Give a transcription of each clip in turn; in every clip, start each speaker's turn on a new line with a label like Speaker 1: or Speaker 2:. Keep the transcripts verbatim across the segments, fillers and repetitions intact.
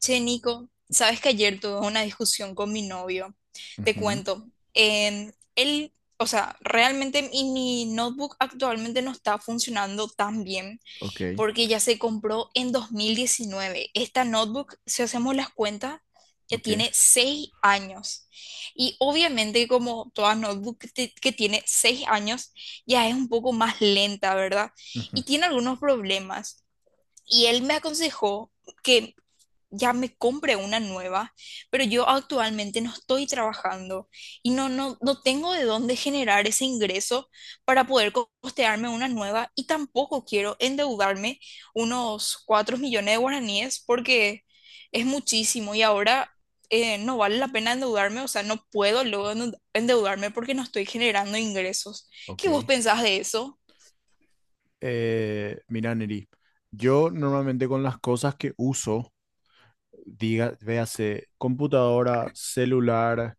Speaker 1: Che, Nico, sabes que ayer tuve una discusión con mi novio. Te
Speaker 2: Ujú.
Speaker 1: cuento. Em, él, o sea, realmente mi mi notebook actualmente no está funcionando tan bien
Speaker 2: Ok,
Speaker 1: porque ya se compró en dos mil diecinueve. Esta notebook, si hacemos las cuentas, ya
Speaker 2: ok,
Speaker 1: tiene seis años. Y obviamente, como toda notebook que te- que tiene seis años, ya es un poco más lenta, ¿verdad?
Speaker 2: ujú,
Speaker 1: Y tiene algunos problemas. Y él me aconsejó que ya me compre una nueva, pero yo actualmente no estoy trabajando y no, no, no tengo de dónde generar ese ingreso para poder co- costearme una nueva y tampoco quiero endeudarme unos cuatro millones de guaraníes porque es muchísimo y ahora eh, no vale la pena endeudarme, o sea, no puedo luego endeud- endeudarme porque no estoy generando ingresos. ¿Qué vos
Speaker 2: ok.
Speaker 1: pensás de eso?
Speaker 2: Eh, mira, Neri, yo normalmente con las cosas que uso, diga, véase computadora, celular,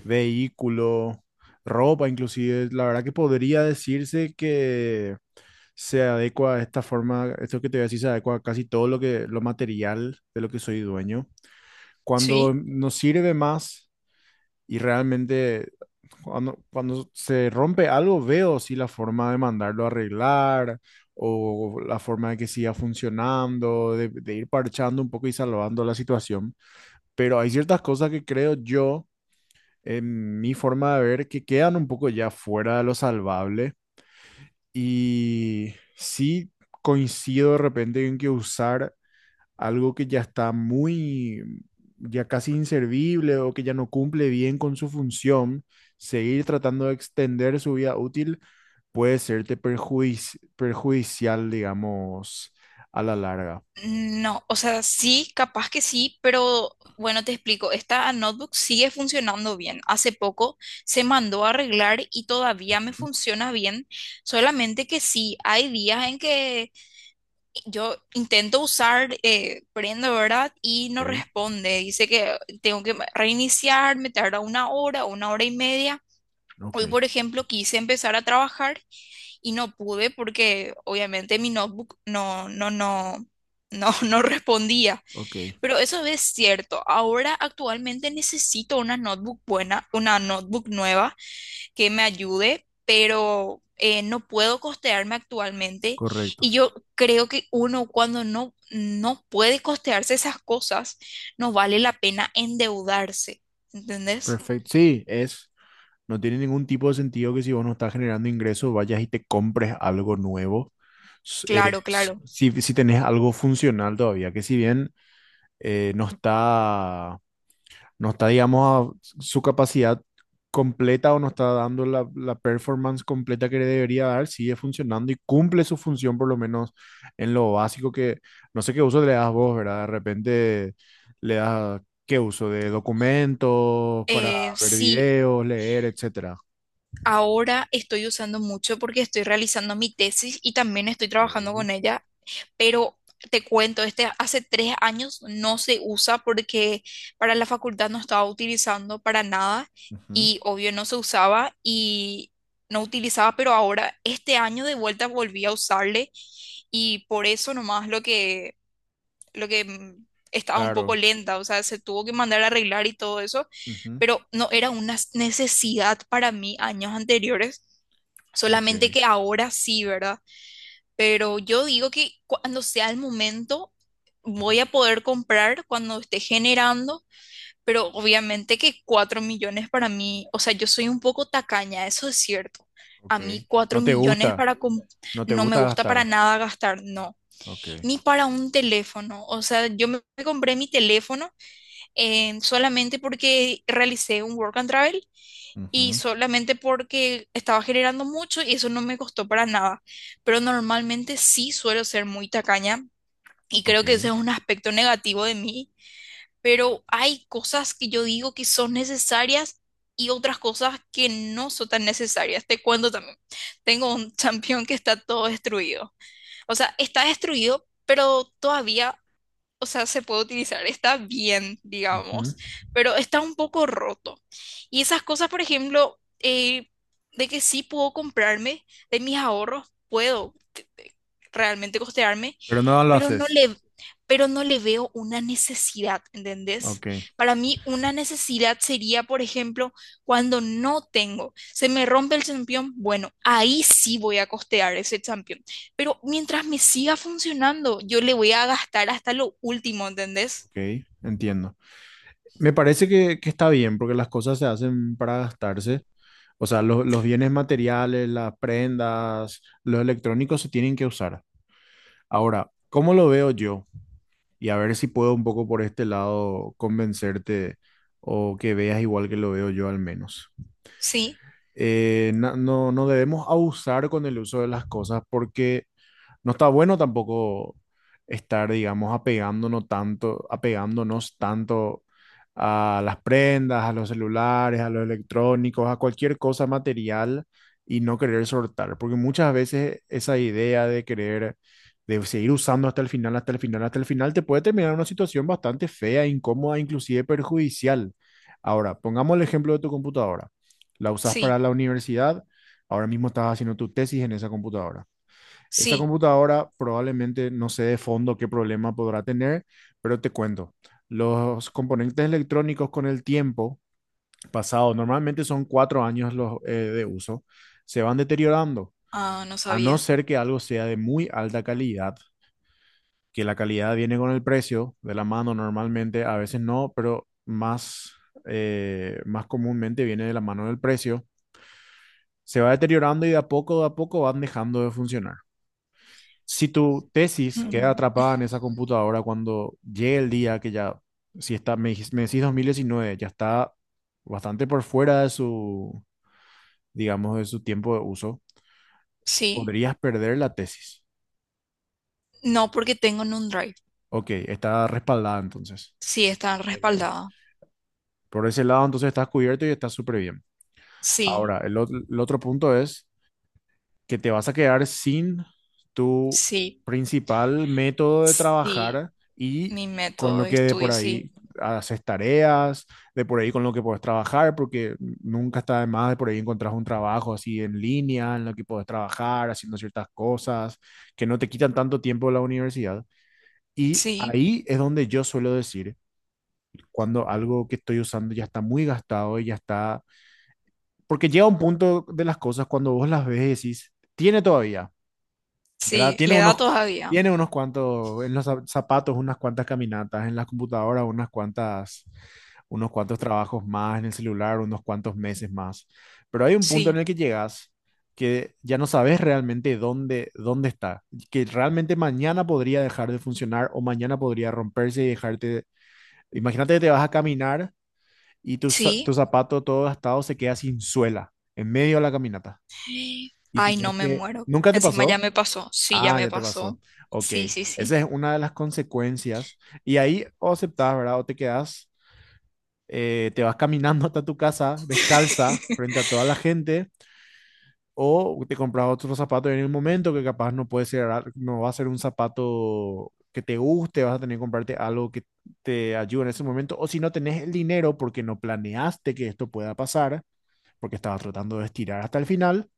Speaker 2: vehículo, ropa, inclusive, la verdad que podría decirse que se adecua a esta forma, esto que te voy a decir se adecua a casi todo lo que, lo material de lo que soy dueño. Cuando nos sirve más y realmente Cuando, cuando se rompe algo, veo si la forma de mandarlo a arreglar o la forma de que siga funcionando, de, de ir parchando un poco y salvando la situación. Pero hay ciertas cosas que creo yo, en mi forma de ver, que quedan un poco ya fuera de lo salvable. Y sí coincido de repente en que usar algo que ya está muy, ya casi inservible o que ya no cumple bien con su función, seguir tratando de extender su vida útil puede serte perjuici- perjudicial, digamos, a la larga.
Speaker 1: No, o sea, sí, capaz que sí, pero bueno, te explico, esta notebook sigue funcionando bien. Hace poco se mandó a arreglar y todavía me
Speaker 2: Ujú.
Speaker 1: funciona bien, solamente que sí, hay días en que yo intento usar, eh, prendo, ¿verdad? Y no
Speaker 2: Ok,
Speaker 1: responde, dice que tengo que reiniciar, me tarda una hora, una hora y media.
Speaker 2: ok,
Speaker 1: Hoy, por ejemplo, quise empezar a trabajar y no pude porque obviamente mi notebook no, no, no, no, no respondía.
Speaker 2: ok,
Speaker 1: Pero eso es cierto. Ahora actualmente necesito una notebook buena, una notebook nueva que me ayude, pero eh, no puedo costearme actualmente. Y
Speaker 2: correcto.
Speaker 1: yo creo que uno cuando no, no puede costearse esas cosas, no vale la pena endeudarse. ¿Entendés?
Speaker 2: Perfecto. Sí, es, no tiene ningún tipo de sentido que si vos no estás generando ingresos, vayas y te compres algo nuevo. S- eh,
Speaker 1: Claro,
Speaker 2: s-
Speaker 1: claro.
Speaker 2: si, si tenés algo funcional todavía, que si bien eh, no está no está, digamos, a su capacidad completa o no está dando la, la performance completa que le debería dar, sigue funcionando y cumple su función por lo menos en lo básico que, no sé qué uso le das vos, ¿verdad? De repente le das, ¿qué uso? De documentos para
Speaker 1: Eh,
Speaker 2: ver
Speaker 1: sí,
Speaker 2: videos, leer, etcétera.
Speaker 1: ahora estoy usando mucho porque estoy realizando mi tesis y también estoy trabajando
Speaker 2: Ok.
Speaker 1: con ella pero te cuento, este hace tres años no se usa porque para la facultad no estaba utilizando para nada
Speaker 2: Ujú.
Speaker 1: y obvio no se usaba y no utilizaba, pero ahora este año de vuelta volví a usarle y por eso nomás lo que, lo que mm, estaba un poco
Speaker 2: Claro.
Speaker 1: lenta, o sea, se tuvo que mandar a arreglar y todo eso,
Speaker 2: Ujú.
Speaker 1: pero no era una s- necesidad para mí años anteriores.
Speaker 2: Ok.
Speaker 1: Solamente que ahora sí, ¿verdad? Pero yo digo que cuando sea el momento
Speaker 2: Ujú.
Speaker 1: voy a poder comprar cuando esté generando, pero obviamente que cuatro millones para mí, o sea, yo soy un poco tacaña, eso es cierto. A
Speaker 2: Ok.
Speaker 1: mí cuatro
Speaker 2: No te
Speaker 1: millones
Speaker 2: gusta,
Speaker 1: para com-
Speaker 2: no te
Speaker 1: no me
Speaker 2: gusta
Speaker 1: gusta para
Speaker 2: gastar.
Speaker 1: nada gastar, no,
Speaker 2: Ok.
Speaker 1: ni para un teléfono. O sea, yo me me compré mi teléfono eh, solamente porque realicé un work and travel y
Speaker 2: Ujú.
Speaker 1: solamente porque estaba generando mucho y eso no me costó para nada. Pero normalmente sí suelo ser muy tacaña y creo
Speaker 2: Ok.
Speaker 1: que ese es un aspecto negativo de mí, pero hay cosas que yo digo que son necesarias y otras cosas que no son tan necesarias. Te cuento también, tengo un champión que está todo destruido. O sea, está destruido, pero todavía o sea, se puede utilizar, está bien,
Speaker 2: Ujú.
Speaker 1: digamos, pero está un poco roto. Y esas cosas, por ejemplo, eh, de que sí puedo comprarme de mis ahorros, puedo te- te- realmente costearme,
Speaker 2: Pero no lo
Speaker 1: pero no
Speaker 2: haces.
Speaker 1: le, pero no le veo una necesidad, ¿entendés?
Speaker 2: Ok,
Speaker 1: Para mí una necesidad sería, por ejemplo, cuando no tengo, se me rompe el champión, bueno, ahí sí voy a costear ese champión, pero mientras me siga funcionando, yo le voy a gastar hasta lo último, ¿entendés?
Speaker 2: ok, entiendo. Me parece que, que está bien porque las cosas se hacen para gastarse. O sea, lo- los bienes materiales, las prendas, los electrónicos se tienen que usar. Ahora, ¿cómo lo veo yo? Y a ver si puedo un poco por este lado convencerte o que veas igual que lo veo yo al menos.
Speaker 1: Sí,
Speaker 2: Eh, na- no, no debemos abusar con el uso de las cosas porque no está bueno tampoco estar, digamos, apegándonos tanto, apegándonos tanto a las prendas, a los celulares, a los electrónicos, a cualquier cosa material y no querer soltar, porque muchas veces esa idea de querer, de seguir usando hasta el final, hasta el final, hasta el final, te puede terminar en una situación bastante fea, incómoda, inclusive perjudicial. Ahora, pongamos el ejemplo de tu computadora. La usas para
Speaker 1: sí,
Speaker 2: la universidad, ahora mismo estás haciendo tu tesis en esa computadora. Esa
Speaker 1: sí.
Speaker 2: computadora probablemente no sé de fondo qué problema podrá tener, pero te cuento. Los componentes electrónicos con el tiempo pasado, normalmente son cuatro años los, eh, de uso, se van deteriorando,
Speaker 1: Ah, no
Speaker 2: a no
Speaker 1: sabía.
Speaker 2: ser que algo sea de muy alta calidad, que la calidad viene con el precio de la mano normalmente, a veces no, pero más, eh, más comúnmente viene de la mano del precio, se va deteriorando y de a poco, de a poco van dejando de funcionar. Si tu tesis queda
Speaker 1: Mm.
Speaker 2: atrapada en esa computadora cuando llegue el día que ya, si está, me, dijis- me decís dos mil diecinueve, ya está bastante por fuera de su, digamos, de su tiempo de uso,
Speaker 1: Sí,
Speaker 2: podrías perder la tesis.
Speaker 1: no porque tengo en un drive.
Speaker 2: Ok, está respaldada entonces.
Speaker 1: Sí, está
Speaker 2: Genial.
Speaker 1: respaldada.
Speaker 2: Por ese lado, entonces estás cubierto y estás súper bien.
Speaker 1: Sí,
Speaker 2: Ahora, el, ot- el otro punto es que te vas a quedar sin tu
Speaker 1: sí,
Speaker 2: principal método de
Speaker 1: sí.
Speaker 2: trabajar y
Speaker 1: Mi
Speaker 2: con
Speaker 1: método
Speaker 2: lo
Speaker 1: de
Speaker 2: que de por
Speaker 1: estudio, sí.
Speaker 2: ahí haces tareas, de por ahí con lo que puedes trabajar, porque nunca está de más de por ahí encontrar un trabajo así en línea, en lo que puedes trabajar, haciendo ciertas cosas que no te quitan tanto tiempo de la universidad. Y
Speaker 1: Sí,
Speaker 2: ahí es donde yo suelo decir, cuando algo que estoy usando ya está muy gastado y ya está, porque llega un punto de las cosas cuando vos las ves y decís, tiene todavía, ¿verdad?
Speaker 1: sí,
Speaker 2: Tiene
Speaker 1: le da
Speaker 2: unos,
Speaker 1: todavía.
Speaker 2: tiene unos cuantos, en los zap- zapatos, unas cuantas caminatas, en la computadora, unas cuantas, unos cuantos trabajos más, en el celular, unos cuantos meses más. Pero hay un punto en
Speaker 1: Sí,
Speaker 2: el que llegas que ya no sabes realmente dónde, dónde está, que realmente mañana podría dejar de funcionar o mañana podría romperse y dejarte. Imagínate que te vas a caminar y tu, za- tu
Speaker 1: sí.
Speaker 2: zapato todo gastado se queda sin suela en medio de la caminata. Y
Speaker 1: Ay, no
Speaker 2: tenés
Speaker 1: me
Speaker 2: que,
Speaker 1: muero.
Speaker 2: ¿nunca te
Speaker 1: Encima ya
Speaker 2: pasó?
Speaker 1: me pasó. Sí, ya
Speaker 2: Ah,
Speaker 1: me
Speaker 2: ya te
Speaker 1: pasó.
Speaker 2: pasó. Ok,
Speaker 1: Sí, sí, sí.
Speaker 2: esa es una de las consecuencias. Y ahí o aceptás, ¿verdad? O te quedás, eh, te vas caminando hasta tu casa descalza frente a toda la gente, o te compras otro zapato en el momento que capaz no puede ser, ar- no va a ser un zapato que te guste, vas a tener que comprarte algo que te ayude en ese momento. O si no tenés el dinero porque no planeaste que esto pueda pasar, porque estabas tratando de estirar hasta el final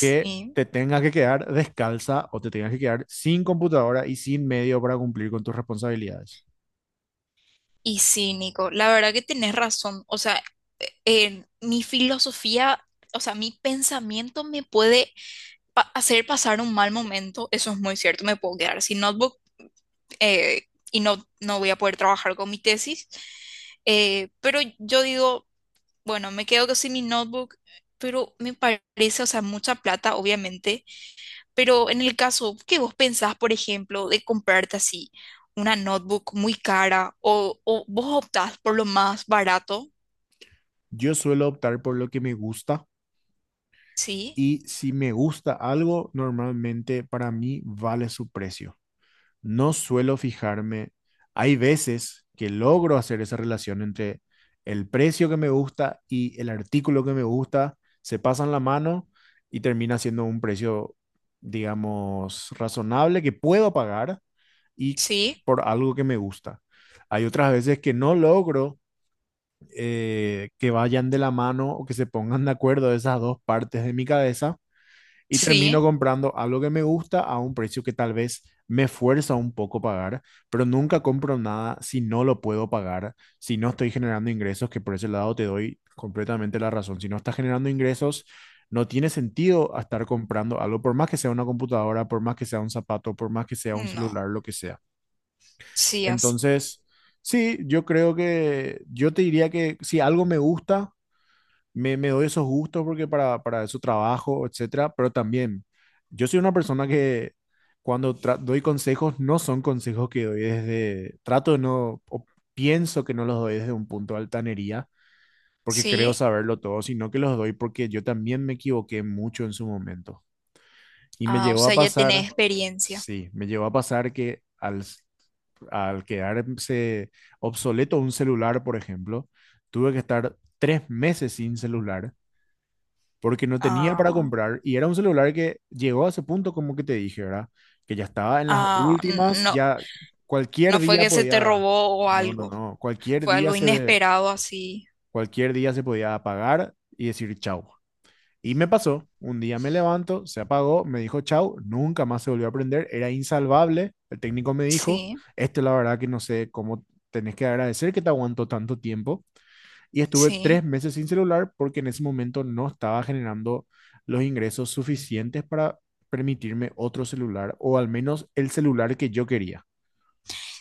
Speaker 2: que te tengas que quedar descalza o te tengas que quedar sin computadora y sin medio para cumplir con tus responsabilidades.
Speaker 1: Y sí, Nico, la verdad que tenés razón. O sea, eh, eh, mi filosofía, o sea, mi pensamiento me puede pa- hacer pasar un mal momento. Eso es muy cierto. Me puedo quedar sin notebook eh, y no, no voy a poder trabajar con mi tesis. Eh, pero yo digo. Bueno, me quedo sin mi notebook, pero me parece, o sea, mucha plata, obviamente. Pero en el caso que vos pensás, por ejemplo, de comprarte así una notebook muy cara o, o vos optás por lo más barato,
Speaker 2: Yo suelo optar por lo que me gusta
Speaker 1: ¿sí?
Speaker 2: y si me gusta algo, normalmente para mí vale su precio. No suelo fijarme. Hay veces que logro hacer esa relación entre el precio que me gusta y el artículo que me gusta, se pasan la mano y termina siendo un precio, digamos, razonable que puedo pagar y
Speaker 1: ¿Sí?
Speaker 2: por algo que me gusta. Hay otras veces que no logro eh, que vayan de la mano o que se pongan de acuerdo esas dos partes de mi cabeza y termino
Speaker 1: ¿Sí?
Speaker 2: comprando algo que me gusta a un precio que tal vez me fuerza un poco pagar, pero nunca compro nada si no lo puedo pagar, si no estoy generando ingresos, que por ese lado te doy completamente la razón. Si no estás generando ingresos, no tiene sentido estar comprando algo, por más que sea una computadora, por más que sea un zapato, por más que sea un celular,
Speaker 1: No.
Speaker 2: lo que sea.
Speaker 1: Sí, así.
Speaker 2: Entonces, sí, yo creo que yo te diría que si algo me gusta, me, me doy esos gustos porque para, para eso trabajo, etcétera, pero también yo soy una persona que cuando tra- doy consejos, no son consejos que doy desde, trato de no, o pienso que no los doy desde un punto de altanería, porque creo
Speaker 1: ¿Sí?
Speaker 2: saberlo todo, sino que los doy porque yo también me equivoqué mucho en su momento. Y me
Speaker 1: Ah, o
Speaker 2: llegó a
Speaker 1: sea, ya tenés
Speaker 2: pasar,
Speaker 1: experiencia.
Speaker 2: sí, me llegó a pasar que al, s- al quedarse obsoleto un celular, por ejemplo, tuve que estar tres meses sin celular porque no tenía para
Speaker 1: Ah,
Speaker 2: comprar y era un celular que llegó a ese punto como que te dije, ¿verdad? Que ya estaba en las
Speaker 1: ah, n-
Speaker 2: últimas,
Speaker 1: no,
Speaker 2: ya cualquier
Speaker 1: no fue
Speaker 2: día
Speaker 1: que se te
Speaker 2: podía,
Speaker 1: robó o
Speaker 2: no, no,
Speaker 1: algo,
Speaker 2: no, cualquier
Speaker 1: fue
Speaker 2: día
Speaker 1: algo
Speaker 2: se ve,
Speaker 1: inesperado así.
Speaker 2: cualquier día se podía apagar y decir chau. Y me pasó, un día me levanto, se apagó, me dijo chau, nunca más se volvió a prender, era insalvable, el técnico me dijo,
Speaker 1: Sí,
Speaker 2: esto la verdad que no sé cómo tenés que agradecer que te aguantó tanto tiempo, y estuve tres
Speaker 1: sí.
Speaker 2: meses sin celular porque en ese momento no estaba generando los ingresos suficientes para permitirme otro celular o al menos el celular que yo quería,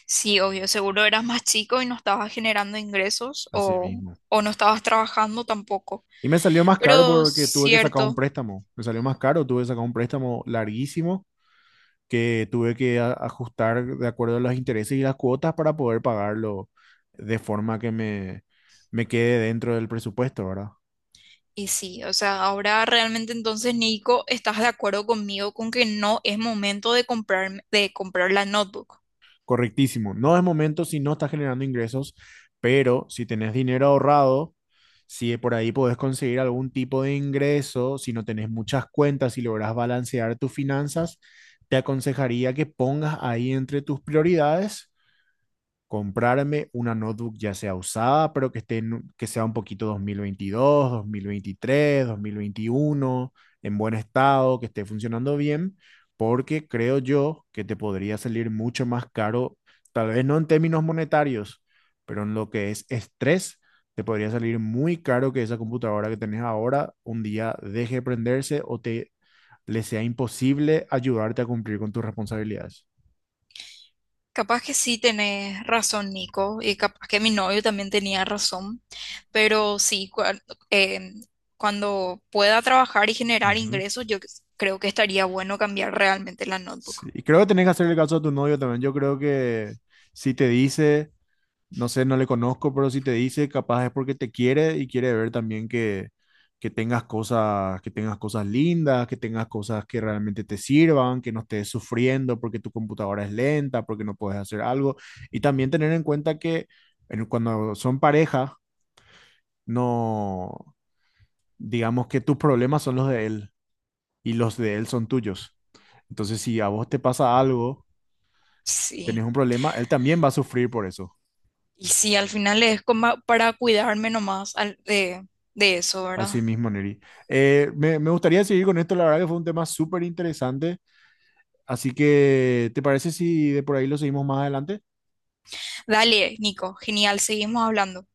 Speaker 1: Sí, obvio, seguro eras más chico y no estabas generando ingresos
Speaker 2: así
Speaker 1: o,
Speaker 2: mismo.
Speaker 1: o no estabas trabajando tampoco.
Speaker 2: Y me salió más caro
Speaker 1: Pero
Speaker 2: porque tuve que sacar un
Speaker 1: cierto,
Speaker 2: préstamo, me salió más caro, tuve que sacar un préstamo larguísimo que tuve que a- ajustar de acuerdo a los intereses y las cuotas para poder pagarlo de forma que me, me quede dentro del presupuesto, ¿verdad?
Speaker 1: y sí, o sea, ahora realmente entonces, Nico, ¿estás de acuerdo conmigo con que no es momento de comprar, de comprar la notebook?
Speaker 2: Correctísimo. No es momento si no estás generando ingresos, pero si tenés dinero ahorrado, si por ahí podés conseguir algún tipo de ingreso, si no tenés muchas cuentas, si logras balancear tus finanzas, te aconsejaría que pongas ahí entre tus prioridades comprarme una notebook ya sea usada, pero que esté en- que sea un poquito dos mil veintidós, dos mil veintitrés, dos mil veintiuno, en buen estado, que esté funcionando bien, porque creo yo que te podría salir mucho más caro, tal vez no en términos monetarios, pero en lo que es estrés, te podría salir muy caro que esa computadora que tenés ahora un día deje de prenderse o te le sea imposible ayudarte a cumplir con tus responsabilidades.
Speaker 1: Capaz que sí tenés razón, Nico, y capaz que mi novio también tenía razón, pero sí, cua- eh, cuando pueda trabajar y generar
Speaker 2: Ujú.
Speaker 1: ingresos, yo creo que estaría bueno cambiar realmente la
Speaker 2: Sí,
Speaker 1: notebook.
Speaker 2: y creo que tenés que hacer el caso a tu novio también. Yo creo que si te dice, no sé, no le conozco, pero si te dice, capaz es porque te quiere y quiere ver también que, que, tengas cosas, que tengas cosas lindas, que tengas cosas que realmente te sirvan, que no estés sufriendo porque tu computadora es lenta, porque no puedes hacer algo. Y también tener en cuenta que en- cuando son pareja, no, digamos que tus problemas son los de él y los de él son tuyos. Entonces, si a vos te pasa algo tenés
Speaker 1: Sí.
Speaker 2: un problema, él también va a sufrir por eso.
Speaker 1: Y sí, al final es como para cuidarme nomás al- de, de eso, ¿verdad?
Speaker 2: Así mismo, Neri. Eh, me, me gustaría seguir con esto, la verdad que fue un tema súper interesante. Así que, ¿te parece si de por ahí lo seguimos más adelante?
Speaker 1: Dale, Nico, genial, seguimos hablando.